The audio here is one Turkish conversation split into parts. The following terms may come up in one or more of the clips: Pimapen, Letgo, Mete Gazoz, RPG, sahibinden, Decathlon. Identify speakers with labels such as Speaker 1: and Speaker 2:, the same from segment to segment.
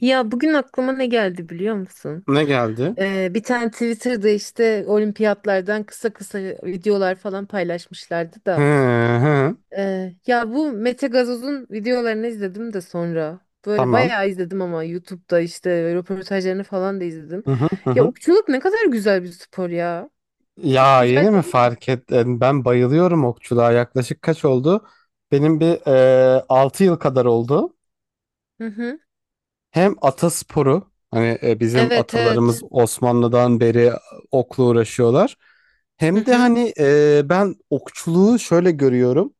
Speaker 1: Ya bugün aklıma ne geldi biliyor musun?
Speaker 2: Ne geldi?
Speaker 1: Bir tane Twitter'da işte olimpiyatlardan kısa kısa videolar falan paylaşmışlardı
Speaker 2: Hı
Speaker 1: da.
Speaker 2: hı.
Speaker 1: Ya bu Mete Gazoz'un videolarını izledim de sonra. Böyle
Speaker 2: Tamam.
Speaker 1: bayağı izledim ama YouTube'da işte röportajlarını falan da izledim.
Speaker 2: Hı hı hı
Speaker 1: Ya
Speaker 2: hı.
Speaker 1: okçuluk ne kadar güzel bir spor ya. Çok
Speaker 2: Ya
Speaker 1: güzel
Speaker 2: yeni mi
Speaker 1: değil mi?
Speaker 2: fark ettin? Ben bayılıyorum okçuluğa. Yaklaşık kaç oldu? Benim bir 6 yıl kadar oldu.
Speaker 1: Hı hı.
Speaker 2: Hem atasporu, hani, bizim
Speaker 1: Evet evet.
Speaker 2: atalarımız Osmanlı'dan beri okla uğraşıyorlar.
Speaker 1: Hı
Speaker 2: Hem de
Speaker 1: hı.
Speaker 2: hani, ben okçuluğu şöyle görüyorum.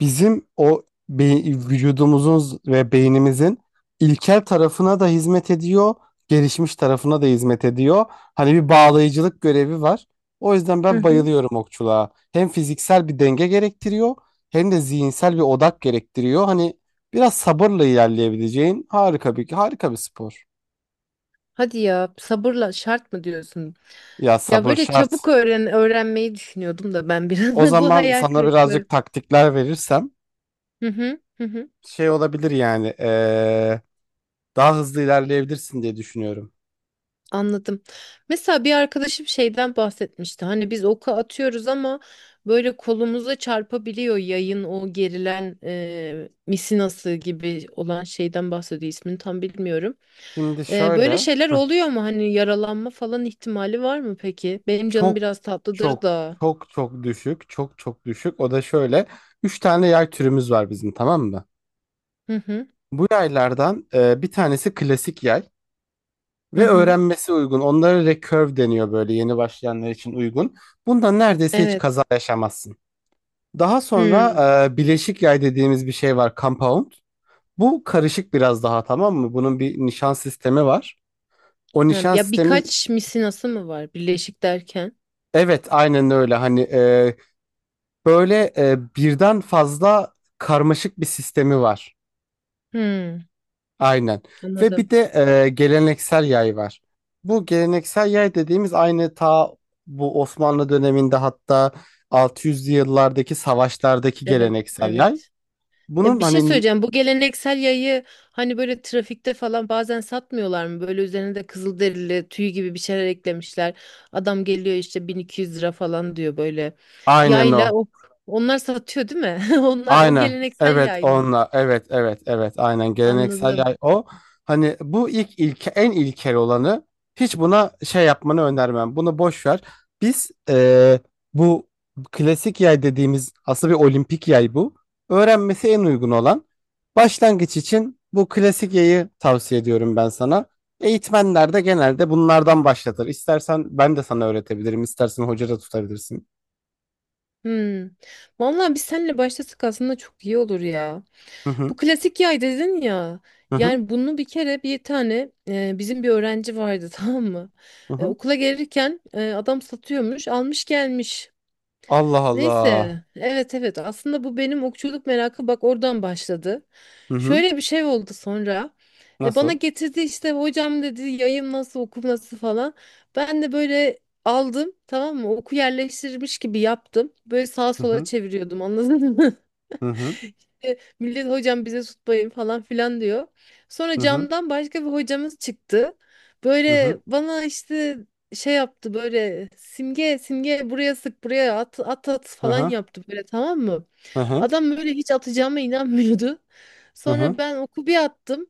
Speaker 2: Bizim o be- vücudumuzun ve beynimizin ilkel tarafına da hizmet ediyor, gelişmiş tarafına da hizmet ediyor. Hani bir bağlayıcılık görevi var. O yüzden
Speaker 1: Hı
Speaker 2: ben
Speaker 1: hı.
Speaker 2: bayılıyorum okçuluğa. Hem fiziksel bir denge gerektiriyor, hem de zihinsel bir odak gerektiriyor. Hani biraz sabırla ilerleyebileceğin harika bir spor.
Speaker 1: Hadi ya sabırla şart mı diyorsun?
Speaker 2: Ya
Speaker 1: Ya
Speaker 2: sabır
Speaker 1: böyle
Speaker 2: şart.
Speaker 1: çabuk öğrenmeyi düşünüyordum da ben
Speaker 2: O
Speaker 1: biraz bu
Speaker 2: zaman
Speaker 1: hayal
Speaker 2: sana
Speaker 1: kırıklığı.
Speaker 2: birazcık taktikler verirsem
Speaker 1: Hı hı hı hı.
Speaker 2: şey olabilir yani, daha hızlı ilerleyebilirsin diye düşünüyorum.
Speaker 1: Anladım. Mesela bir arkadaşım şeyden bahsetmişti. Hani biz oku atıyoruz ama böyle kolumuza çarpabiliyor yayın o gerilen misinası gibi olan şeyden bahsediyor. İsmini tam bilmiyorum.
Speaker 2: Şimdi
Speaker 1: Böyle
Speaker 2: şöyle.
Speaker 1: şeyler oluyor mu? Hani yaralanma falan ihtimali var mı peki? Benim canım
Speaker 2: Çok
Speaker 1: biraz tatlıdır
Speaker 2: çok
Speaker 1: da.
Speaker 2: çok çok düşük çok çok düşük O da şöyle, üç tane yay türümüz var bizim, tamam mı?
Speaker 1: Hı hı
Speaker 2: Bu yaylardan bir tanesi klasik yay
Speaker 1: hı
Speaker 2: ve
Speaker 1: hı.
Speaker 2: öğrenmesi uygun, onlara recurve deniyor, böyle yeni başlayanlar için uygun. Bundan neredeyse hiç
Speaker 1: Evet.
Speaker 2: kaza yaşamazsın. Daha sonra
Speaker 1: Hı.
Speaker 2: bileşik yay dediğimiz bir şey var, compound. Bu karışık biraz daha, tamam mı? Bunun bir nişan sistemi var. O
Speaker 1: Ha,
Speaker 2: nişan
Speaker 1: ya
Speaker 2: sistemi,
Speaker 1: birkaç misinası mı var birleşik derken?
Speaker 2: evet aynen öyle, hani, böyle, birden fazla karmaşık bir sistemi var.
Speaker 1: Hmm,
Speaker 2: Aynen. Ve bir
Speaker 1: anladım.
Speaker 2: de geleneksel yay var. Bu geleneksel yay dediğimiz aynı, bu Osmanlı döneminde, hatta 600'lü yıllardaki savaşlardaki
Speaker 1: Evet,
Speaker 2: geleneksel yay.
Speaker 1: evet. Ya
Speaker 2: Bunun
Speaker 1: bir şey
Speaker 2: hani,
Speaker 1: söyleyeceğim. Bu geleneksel yayı hani böyle trafikte falan bazen satmıyorlar mı? Böyle üzerine de kızılderili tüy gibi bir şeyler eklemişler. Adam geliyor işte 1.200 lira falan diyor böyle.
Speaker 2: aynen
Speaker 1: Yayla
Speaker 2: o.
Speaker 1: o onlar satıyor değil mi? Onlar o
Speaker 2: Aynen.
Speaker 1: geleneksel
Speaker 2: Evet
Speaker 1: yay mı?
Speaker 2: onunla. Evet evet evet, aynen geleneksel
Speaker 1: Anladım.
Speaker 2: yay o. Hani bu ilk ilke en ilkel olanı, hiç buna şey yapmanı önermem. Bunu boş ver. Biz, bu klasik yay dediğimiz aslında bir olimpik yay bu. Öğrenmesi en uygun olan. Başlangıç için bu klasik yayı tavsiye ediyorum ben sana. Eğitmenler de genelde bunlardan başlatır. İstersen ben de sana öğretebilirim. İstersen hoca da tutabilirsin.
Speaker 1: Hmm. Vallahi biz seninle başlasak aslında çok iyi olur ya.
Speaker 2: Hı hı
Speaker 1: Bu klasik yay dedin ya.
Speaker 2: hı hı.
Speaker 1: Yani bunu bir kere bir tane bizim bir öğrenci vardı tamam mı?
Speaker 2: Hı hı.
Speaker 1: Okula gelirken adam satıyormuş, almış gelmiş.
Speaker 2: Allah Allah.
Speaker 1: Neyse, evet evet aslında bu benim okçuluk merakı bak oradan başladı.
Speaker 2: Hı hı.
Speaker 1: Şöyle bir şey oldu sonra. Bana
Speaker 2: Nasıl?
Speaker 1: getirdi işte hocam dedi yayım nasıl okum nasıl falan. Ben de böyle aldım tamam mı? Oku yerleştirmiş gibi yaptım. Böyle sağa
Speaker 2: Hı
Speaker 1: sola
Speaker 2: hı.
Speaker 1: çeviriyordum anladın mı?
Speaker 2: Hı hı.
Speaker 1: İşte millet hocam bize tutmayın falan filan diyor. Sonra
Speaker 2: Hı hı.
Speaker 1: camdan başka bir hocamız çıktı.
Speaker 2: Hı hı.
Speaker 1: Böyle bana işte şey yaptı böyle simge simge buraya sık buraya at at at
Speaker 2: Hı
Speaker 1: falan
Speaker 2: hı.
Speaker 1: yaptı böyle tamam mı?
Speaker 2: Hı hı.
Speaker 1: Adam böyle hiç atacağıma inanmıyordu.
Speaker 2: Hı hı.
Speaker 1: Sonra ben oku bir attım.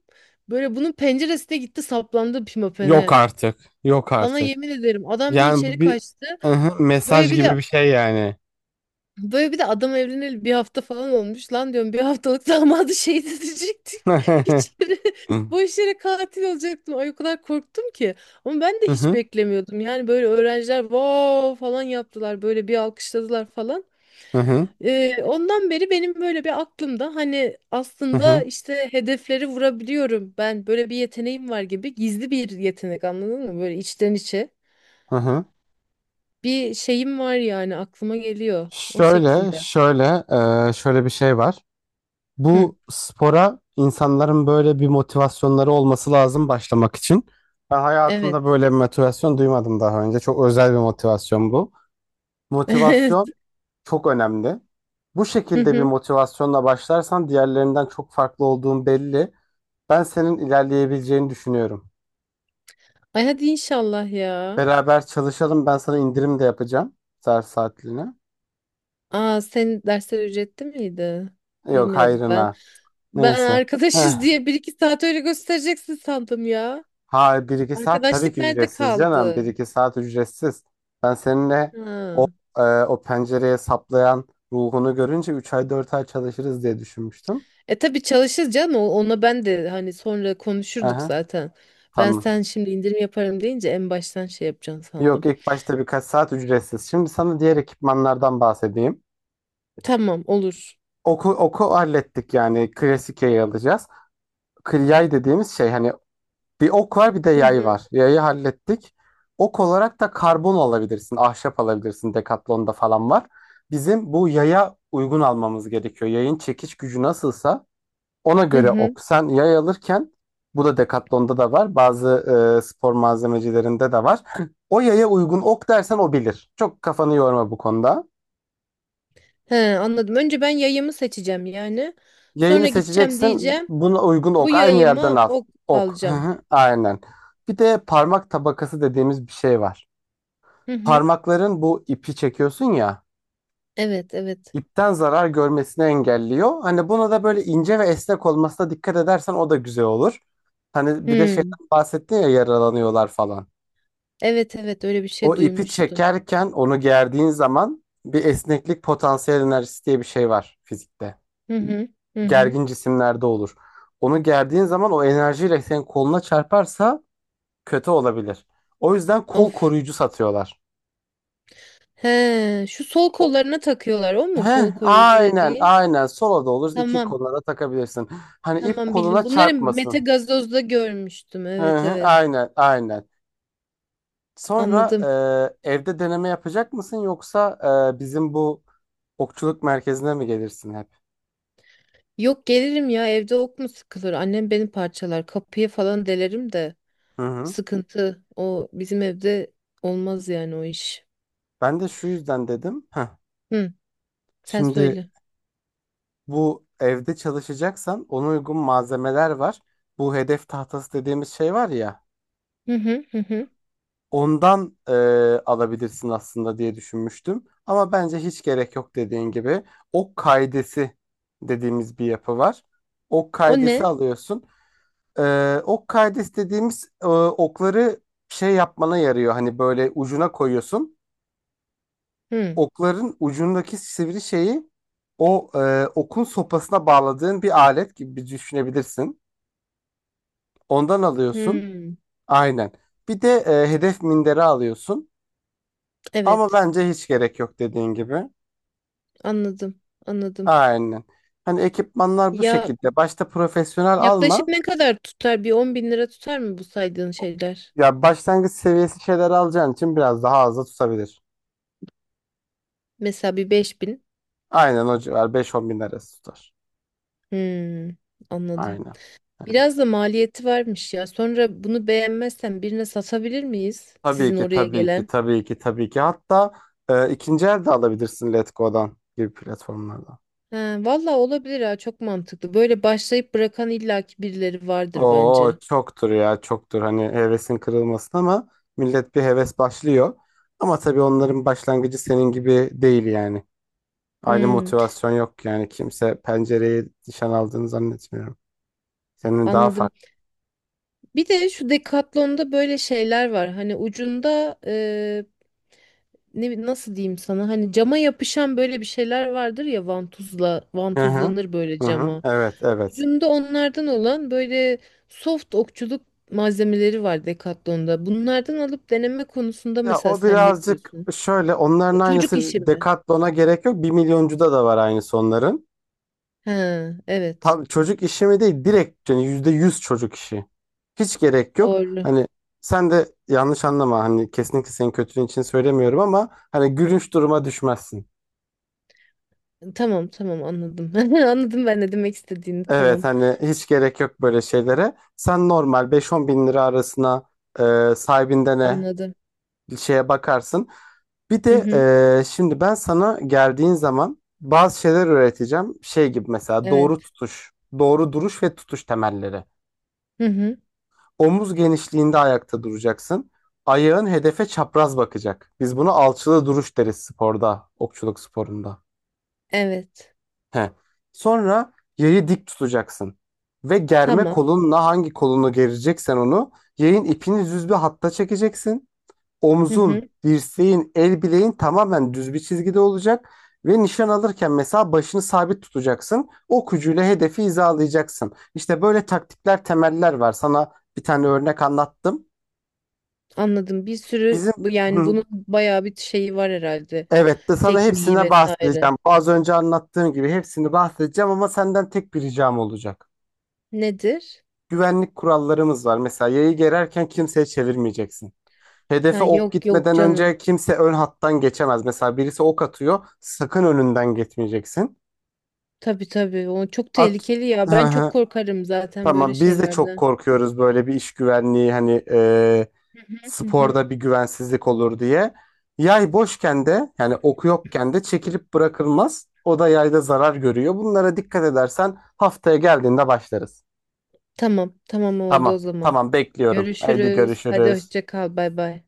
Speaker 1: Böyle bunun penceresine gitti saplandı
Speaker 2: Yok
Speaker 1: Pimapen'e.
Speaker 2: artık. Yok
Speaker 1: Sana
Speaker 2: artık.
Speaker 1: yemin ederim adam bir
Speaker 2: Yani
Speaker 1: içeri
Speaker 2: bu bir,
Speaker 1: kaçtı.
Speaker 2: hı hı,
Speaker 1: Böyle
Speaker 2: mesaj
Speaker 1: bir de
Speaker 2: gibi bir şey yani.
Speaker 1: Böyle bir de adam evleneli bir hafta falan olmuş. Lan diyorum bir haftalık damadı şehit edecektik.
Speaker 2: Hı
Speaker 1: Hiç yere,
Speaker 2: hı.
Speaker 1: boş yere katil olacaktım. Ay o kadar korktum ki. Ama ben de
Speaker 2: Hı
Speaker 1: hiç
Speaker 2: hı.
Speaker 1: beklemiyordum. Yani böyle öğrenciler wow falan yaptılar. Böyle bir alkışladılar falan.
Speaker 2: Hı hı.
Speaker 1: Ondan beri benim böyle bir aklımda hani
Speaker 2: Hı
Speaker 1: aslında
Speaker 2: hı.
Speaker 1: işte hedefleri vurabiliyorum. Ben böyle bir yeteneğim var gibi gizli bir yetenek anladın mı? Böyle içten içe bir şeyim var yani aklıma geliyor o şekilde.
Speaker 2: Şöyle bir şey var.
Speaker 1: Hı,
Speaker 2: Bu spora insanların böyle bir motivasyonları olması lazım başlamak için. Ben hayatımda
Speaker 1: evet.
Speaker 2: böyle bir motivasyon duymadım daha önce. Çok özel bir motivasyon bu. Motivasyon çok önemli. Bu
Speaker 1: Hı
Speaker 2: şekilde bir
Speaker 1: hı.
Speaker 2: motivasyonla başlarsan diğerlerinden çok farklı olduğun belli. Ben senin ilerleyebileceğini düşünüyorum.
Speaker 1: Ay hadi inşallah ya.
Speaker 2: Beraber çalışalım. Ben sana indirim de yapacağım. Ders saatliğine.
Speaker 1: Aa senin dersler ücretli miydi?
Speaker 2: Yok
Speaker 1: Bilmiyordum ben.
Speaker 2: hayrına.
Speaker 1: Ben
Speaker 2: Neyse.
Speaker 1: arkadaşız
Speaker 2: Heh.
Speaker 1: diye bir iki saat öyle göstereceksin sandım ya.
Speaker 2: Ha, bir iki saat tabii
Speaker 1: Arkadaşlık
Speaker 2: ki
Speaker 1: nerede
Speaker 2: ücretsiz canım. Bir
Speaker 1: kaldı?
Speaker 2: iki saat ücretsiz. Ben seninle,
Speaker 1: Ha.
Speaker 2: o, o pencereye saplayan ruhunu görünce 3 ay 4 ay çalışırız diye düşünmüştüm.
Speaker 1: E tabii çalışırız canım. Ona ben de hani sonra konuşurduk
Speaker 2: Aha,
Speaker 1: zaten. Ben
Speaker 2: tamam.
Speaker 1: sen şimdi indirim yaparım deyince en baştan şey yapacaksın
Speaker 2: Yok,
Speaker 1: sandım.
Speaker 2: ilk başta birkaç saat ücretsiz. Şimdi sana diğer ekipmanlardan bahsedeyim.
Speaker 1: Tamam olur.
Speaker 2: Oku, oku hallettik yani, klasik yayı alacağız. Yay dediğimiz şey hani, bir ok var bir de
Speaker 1: Hı
Speaker 2: yay
Speaker 1: hı.
Speaker 2: var. Yayı hallettik. Ok olarak da karbon alabilirsin, ahşap alabilirsin. Decathlon'da falan var. Bizim bu yaya uygun almamız gerekiyor. Yayın çekiş gücü nasılsa ona
Speaker 1: Hı
Speaker 2: göre
Speaker 1: hı.
Speaker 2: ok. Sen yay alırken bu da Decathlon'da da var. Bazı spor malzemecilerinde de var. O yaya uygun ok dersen o bilir. Çok kafanı yorma bu konuda.
Speaker 1: He, anladım. Önce ben yayımı seçeceğim yani. Sonra
Speaker 2: Yayını
Speaker 1: gideceğim
Speaker 2: seçeceksin.
Speaker 1: diyeceğim.
Speaker 2: Buna uygun
Speaker 1: Bu
Speaker 2: ok. Aynı yerden
Speaker 1: yayımı
Speaker 2: al.
Speaker 1: o
Speaker 2: Ok. Hı
Speaker 1: alacağım.
Speaker 2: hı, aynen. Bir de parmak tabakası dediğimiz bir şey var.
Speaker 1: Hı hı.
Speaker 2: Parmakların bu ipi çekiyorsun ya.
Speaker 1: Evet, evet.
Speaker 2: İpten zarar görmesini engelliyor. Hani buna da böyle ince ve esnek olmasına dikkat edersen o da güzel olur. Hani bir de
Speaker 1: Hı.
Speaker 2: şeyden bahsettin ya, yaralanıyorlar falan.
Speaker 1: Evet, evet öyle bir
Speaker 2: O
Speaker 1: şey
Speaker 2: ipi
Speaker 1: duymuştum.
Speaker 2: çekerken onu gerdiğin zaman bir esneklik potansiyel enerjisi diye bir şey var fizikte.
Speaker 1: Hı hı. Hı hı.
Speaker 2: Gergin cisimlerde olur. Onu gerdiğin zaman o enerjiyle senin koluna çarparsa kötü olabilir. O yüzden kol
Speaker 1: Of.
Speaker 2: koruyucu satıyorlar.
Speaker 1: He, şu sol
Speaker 2: O,
Speaker 1: kollarına takıyorlar o mu kol koruyucu
Speaker 2: aynen
Speaker 1: dediğin?
Speaker 2: aynen, sola da olur, iki
Speaker 1: Tamam.
Speaker 2: koluna da takabilirsin. Hani ip
Speaker 1: Tamam bildim.
Speaker 2: koluna
Speaker 1: Bunları Mete
Speaker 2: çarpmasın.
Speaker 1: Gazoz'da görmüştüm.
Speaker 2: Hı
Speaker 1: Evet,
Speaker 2: hı,
Speaker 1: evet.
Speaker 2: aynen aynen. Sonra,
Speaker 1: Anladım.
Speaker 2: evde deneme yapacak mısın yoksa, bizim bu okçuluk merkezine mi gelirsin hep?
Speaker 1: Yok gelirim ya evde ok mu sıkılır? Annem beni parçalar. Kapıyı falan delerim de
Speaker 2: Hı hı.
Speaker 1: sıkıntı. O bizim evde olmaz yani o iş.
Speaker 2: Ben de şu yüzden dedim.
Speaker 1: Hı. Sen
Speaker 2: Şimdi,
Speaker 1: söyle.
Speaker 2: bu evde çalışacaksan ona uygun malzemeler var. Bu hedef tahtası dediğimiz şey var ya.
Speaker 1: Hı hı hı hı.
Speaker 2: Ondan alabilirsin aslında diye düşünmüştüm. Ama bence hiç gerek yok dediğin gibi. Ok kaidesi dediğimiz bir yapı var. Ok
Speaker 1: O
Speaker 2: kaidesi
Speaker 1: ne?
Speaker 2: alıyorsun. Ok kaidesi dediğimiz, okları şey yapmana yarıyor. Hani böyle ucuna koyuyorsun.
Speaker 1: Hı.
Speaker 2: Okların ucundaki sivri şeyi, o, okun sopasına bağladığın bir alet gibi bir düşünebilirsin. Ondan alıyorsun.
Speaker 1: Hı.
Speaker 2: Aynen. Bir de hedef minderi alıyorsun. Ama
Speaker 1: Evet.
Speaker 2: bence hiç gerek yok dediğin gibi.
Speaker 1: Anladım, anladım.
Speaker 2: Aynen. Hani ekipmanlar bu
Speaker 1: Ya
Speaker 2: şekilde. Başta profesyonel
Speaker 1: yaklaşık
Speaker 2: alma.
Speaker 1: ne kadar tutar? Bir 10 bin lira tutar mı bu saydığın şeyler?
Speaker 2: Ya başlangıç seviyesi şeyler alacağın için biraz daha az da tutabilir.
Speaker 1: Mesela bir 5 bin.
Speaker 2: Aynen, o civar, 5-10 bin arası tutar.
Speaker 1: Hmm, anladım.
Speaker 2: Aynen. Hani,
Speaker 1: Biraz da maliyeti varmış ya. Sonra bunu beğenmezsen birine satabilir miyiz?
Speaker 2: tabii
Speaker 1: Sizin
Speaker 2: ki,
Speaker 1: oraya
Speaker 2: tabii ki,
Speaker 1: gelen.
Speaker 2: tabii ki, tabii ki. Hatta ikinci el de alabilirsin, Letgo'dan gibi platformlardan.
Speaker 1: Ha, valla olabilir ha çok mantıklı. Böyle başlayıp bırakan illaki birileri vardır
Speaker 2: Oo
Speaker 1: bence.
Speaker 2: çoktur ya, çoktur. Hani hevesin kırılmasın, ama millet bir heves başlıyor. Ama tabii onların başlangıcı senin gibi değil yani. Aynı
Speaker 1: Hmm,
Speaker 2: motivasyon yok yani. Kimse pencereye nişan aldığını zannetmiyorum. Senin daha
Speaker 1: anladım.
Speaker 2: farklı.
Speaker 1: Bir de şu Decathlon'da böyle şeyler var. Hani ucunda ne nasıl diyeyim sana hani cama yapışan böyle bir şeyler vardır ya vantuzla
Speaker 2: Hı hı.
Speaker 1: vantuzlanır böyle
Speaker 2: Hı hı.
Speaker 1: cama.
Speaker 2: Evet, evet.
Speaker 1: Ucunda onlardan olan böyle soft okçuluk malzemeleri var Decathlon'da. Bunlardan alıp deneme konusunda
Speaker 2: Ya,
Speaker 1: mesela
Speaker 2: o
Speaker 1: sen ne
Speaker 2: birazcık
Speaker 1: diyorsun?
Speaker 2: şöyle, onların
Speaker 1: Çocuk
Speaker 2: aynısı,
Speaker 1: işi mi?
Speaker 2: Decathlon'a gerek yok. Bir milyoncuda da var aynısı onların.
Speaker 1: Ha evet.
Speaker 2: Tam çocuk işi mi değil, direkt yani %100 çocuk işi. Hiç gerek yok.
Speaker 1: Doğru.
Speaker 2: Hani sen de yanlış anlama, hani kesinlikle senin kötülüğün için söylemiyorum, ama hani gülünç duruma düşmezsin.
Speaker 1: Tamam tamam anladım. Anladım ben ne demek istediğini.
Speaker 2: Evet,
Speaker 1: Tamam.
Speaker 2: hani hiç gerek yok böyle şeylere. Sen normal 5-10 bin lira arasına, sahibinden ne,
Speaker 1: Anladım.
Speaker 2: bir şeye bakarsın. Bir
Speaker 1: Hı
Speaker 2: de,
Speaker 1: hı.
Speaker 2: şimdi ben sana geldiğin zaman bazı şeyler öğreteceğim. Şey gibi mesela, doğru
Speaker 1: Evet.
Speaker 2: tutuş, doğru duruş ve tutuş temelleri.
Speaker 1: Hı hı.
Speaker 2: Omuz genişliğinde ayakta duracaksın. Ayağın hedefe çapraz bakacak. Biz buna alçılı duruş deriz sporda, okçuluk sporunda.
Speaker 1: Evet.
Speaker 2: He. Sonra yayı dik tutacaksın. Ve germe
Speaker 1: Tamam.
Speaker 2: kolunla hangi kolunu gereceksen onu, yayın ipini düz bir hatta çekeceksin.
Speaker 1: Hı
Speaker 2: Omzun,
Speaker 1: hı.
Speaker 2: dirseğin, el bileğin tamamen düz bir çizgide olacak. Ve nişan alırken mesela başını sabit tutacaksın. Ok ucuyla hedefi hizalayacaksın. İşte böyle taktikler, temeller var. Sana bir tane örnek anlattım.
Speaker 1: Anladım. Bir sürü
Speaker 2: Bizim,
Speaker 1: yani
Speaker 2: hı,
Speaker 1: bunun bayağı bir şeyi var herhalde.
Speaker 2: evet, de sana
Speaker 1: Tekniği
Speaker 2: hepsine
Speaker 1: vesaire.
Speaker 2: bahsedeceğim. Az önce anlattığım gibi hepsini bahsedeceğim, ama senden tek bir ricam olacak.
Speaker 1: Nedir?
Speaker 2: Güvenlik kurallarımız var. Mesela yayı gererken kimseye çevirmeyeceksin.
Speaker 1: Ha
Speaker 2: Hedefe ok
Speaker 1: yok yok
Speaker 2: gitmeden
Speaker 1: canım.
Speaker 2: önce kimse ön hattan geçemez. Mesela birisi ok atıyor, sakın önünden geçmeyeceksin.
Speaker 1: Tabii tabii. O çok
Speaker 2: At.
Speaker 1: tehlikeli ya. Ben çok korkarım zaten böyle
Speaker 2: Tamam, biz de çok
Speaker 1: şeylerden.
Speaker 2: korkuyoruz, böyle bir iş güvenliği hani,
Speaker 1: Hı hı.
Speaker 2: sporda bir güvensizlik olur diye. Yay boşken de, yani oku yokken de çekilip bırakılmaz. O da yayda zarar görüyor. Bunlara dikkat edersen haftaya geldiğinde başlarız.
Speaker 1: Tamam, tamam oldu o
Speaker 2: Tamam,
Speaker 1: zaman.
Speaker 2: tamam, bekliyorum. Haydi
Speaker 1: Görüşürüz. Hadi
Speaker 2: görüşürüz.
Speaker 1: hoşça kal. Bay bay.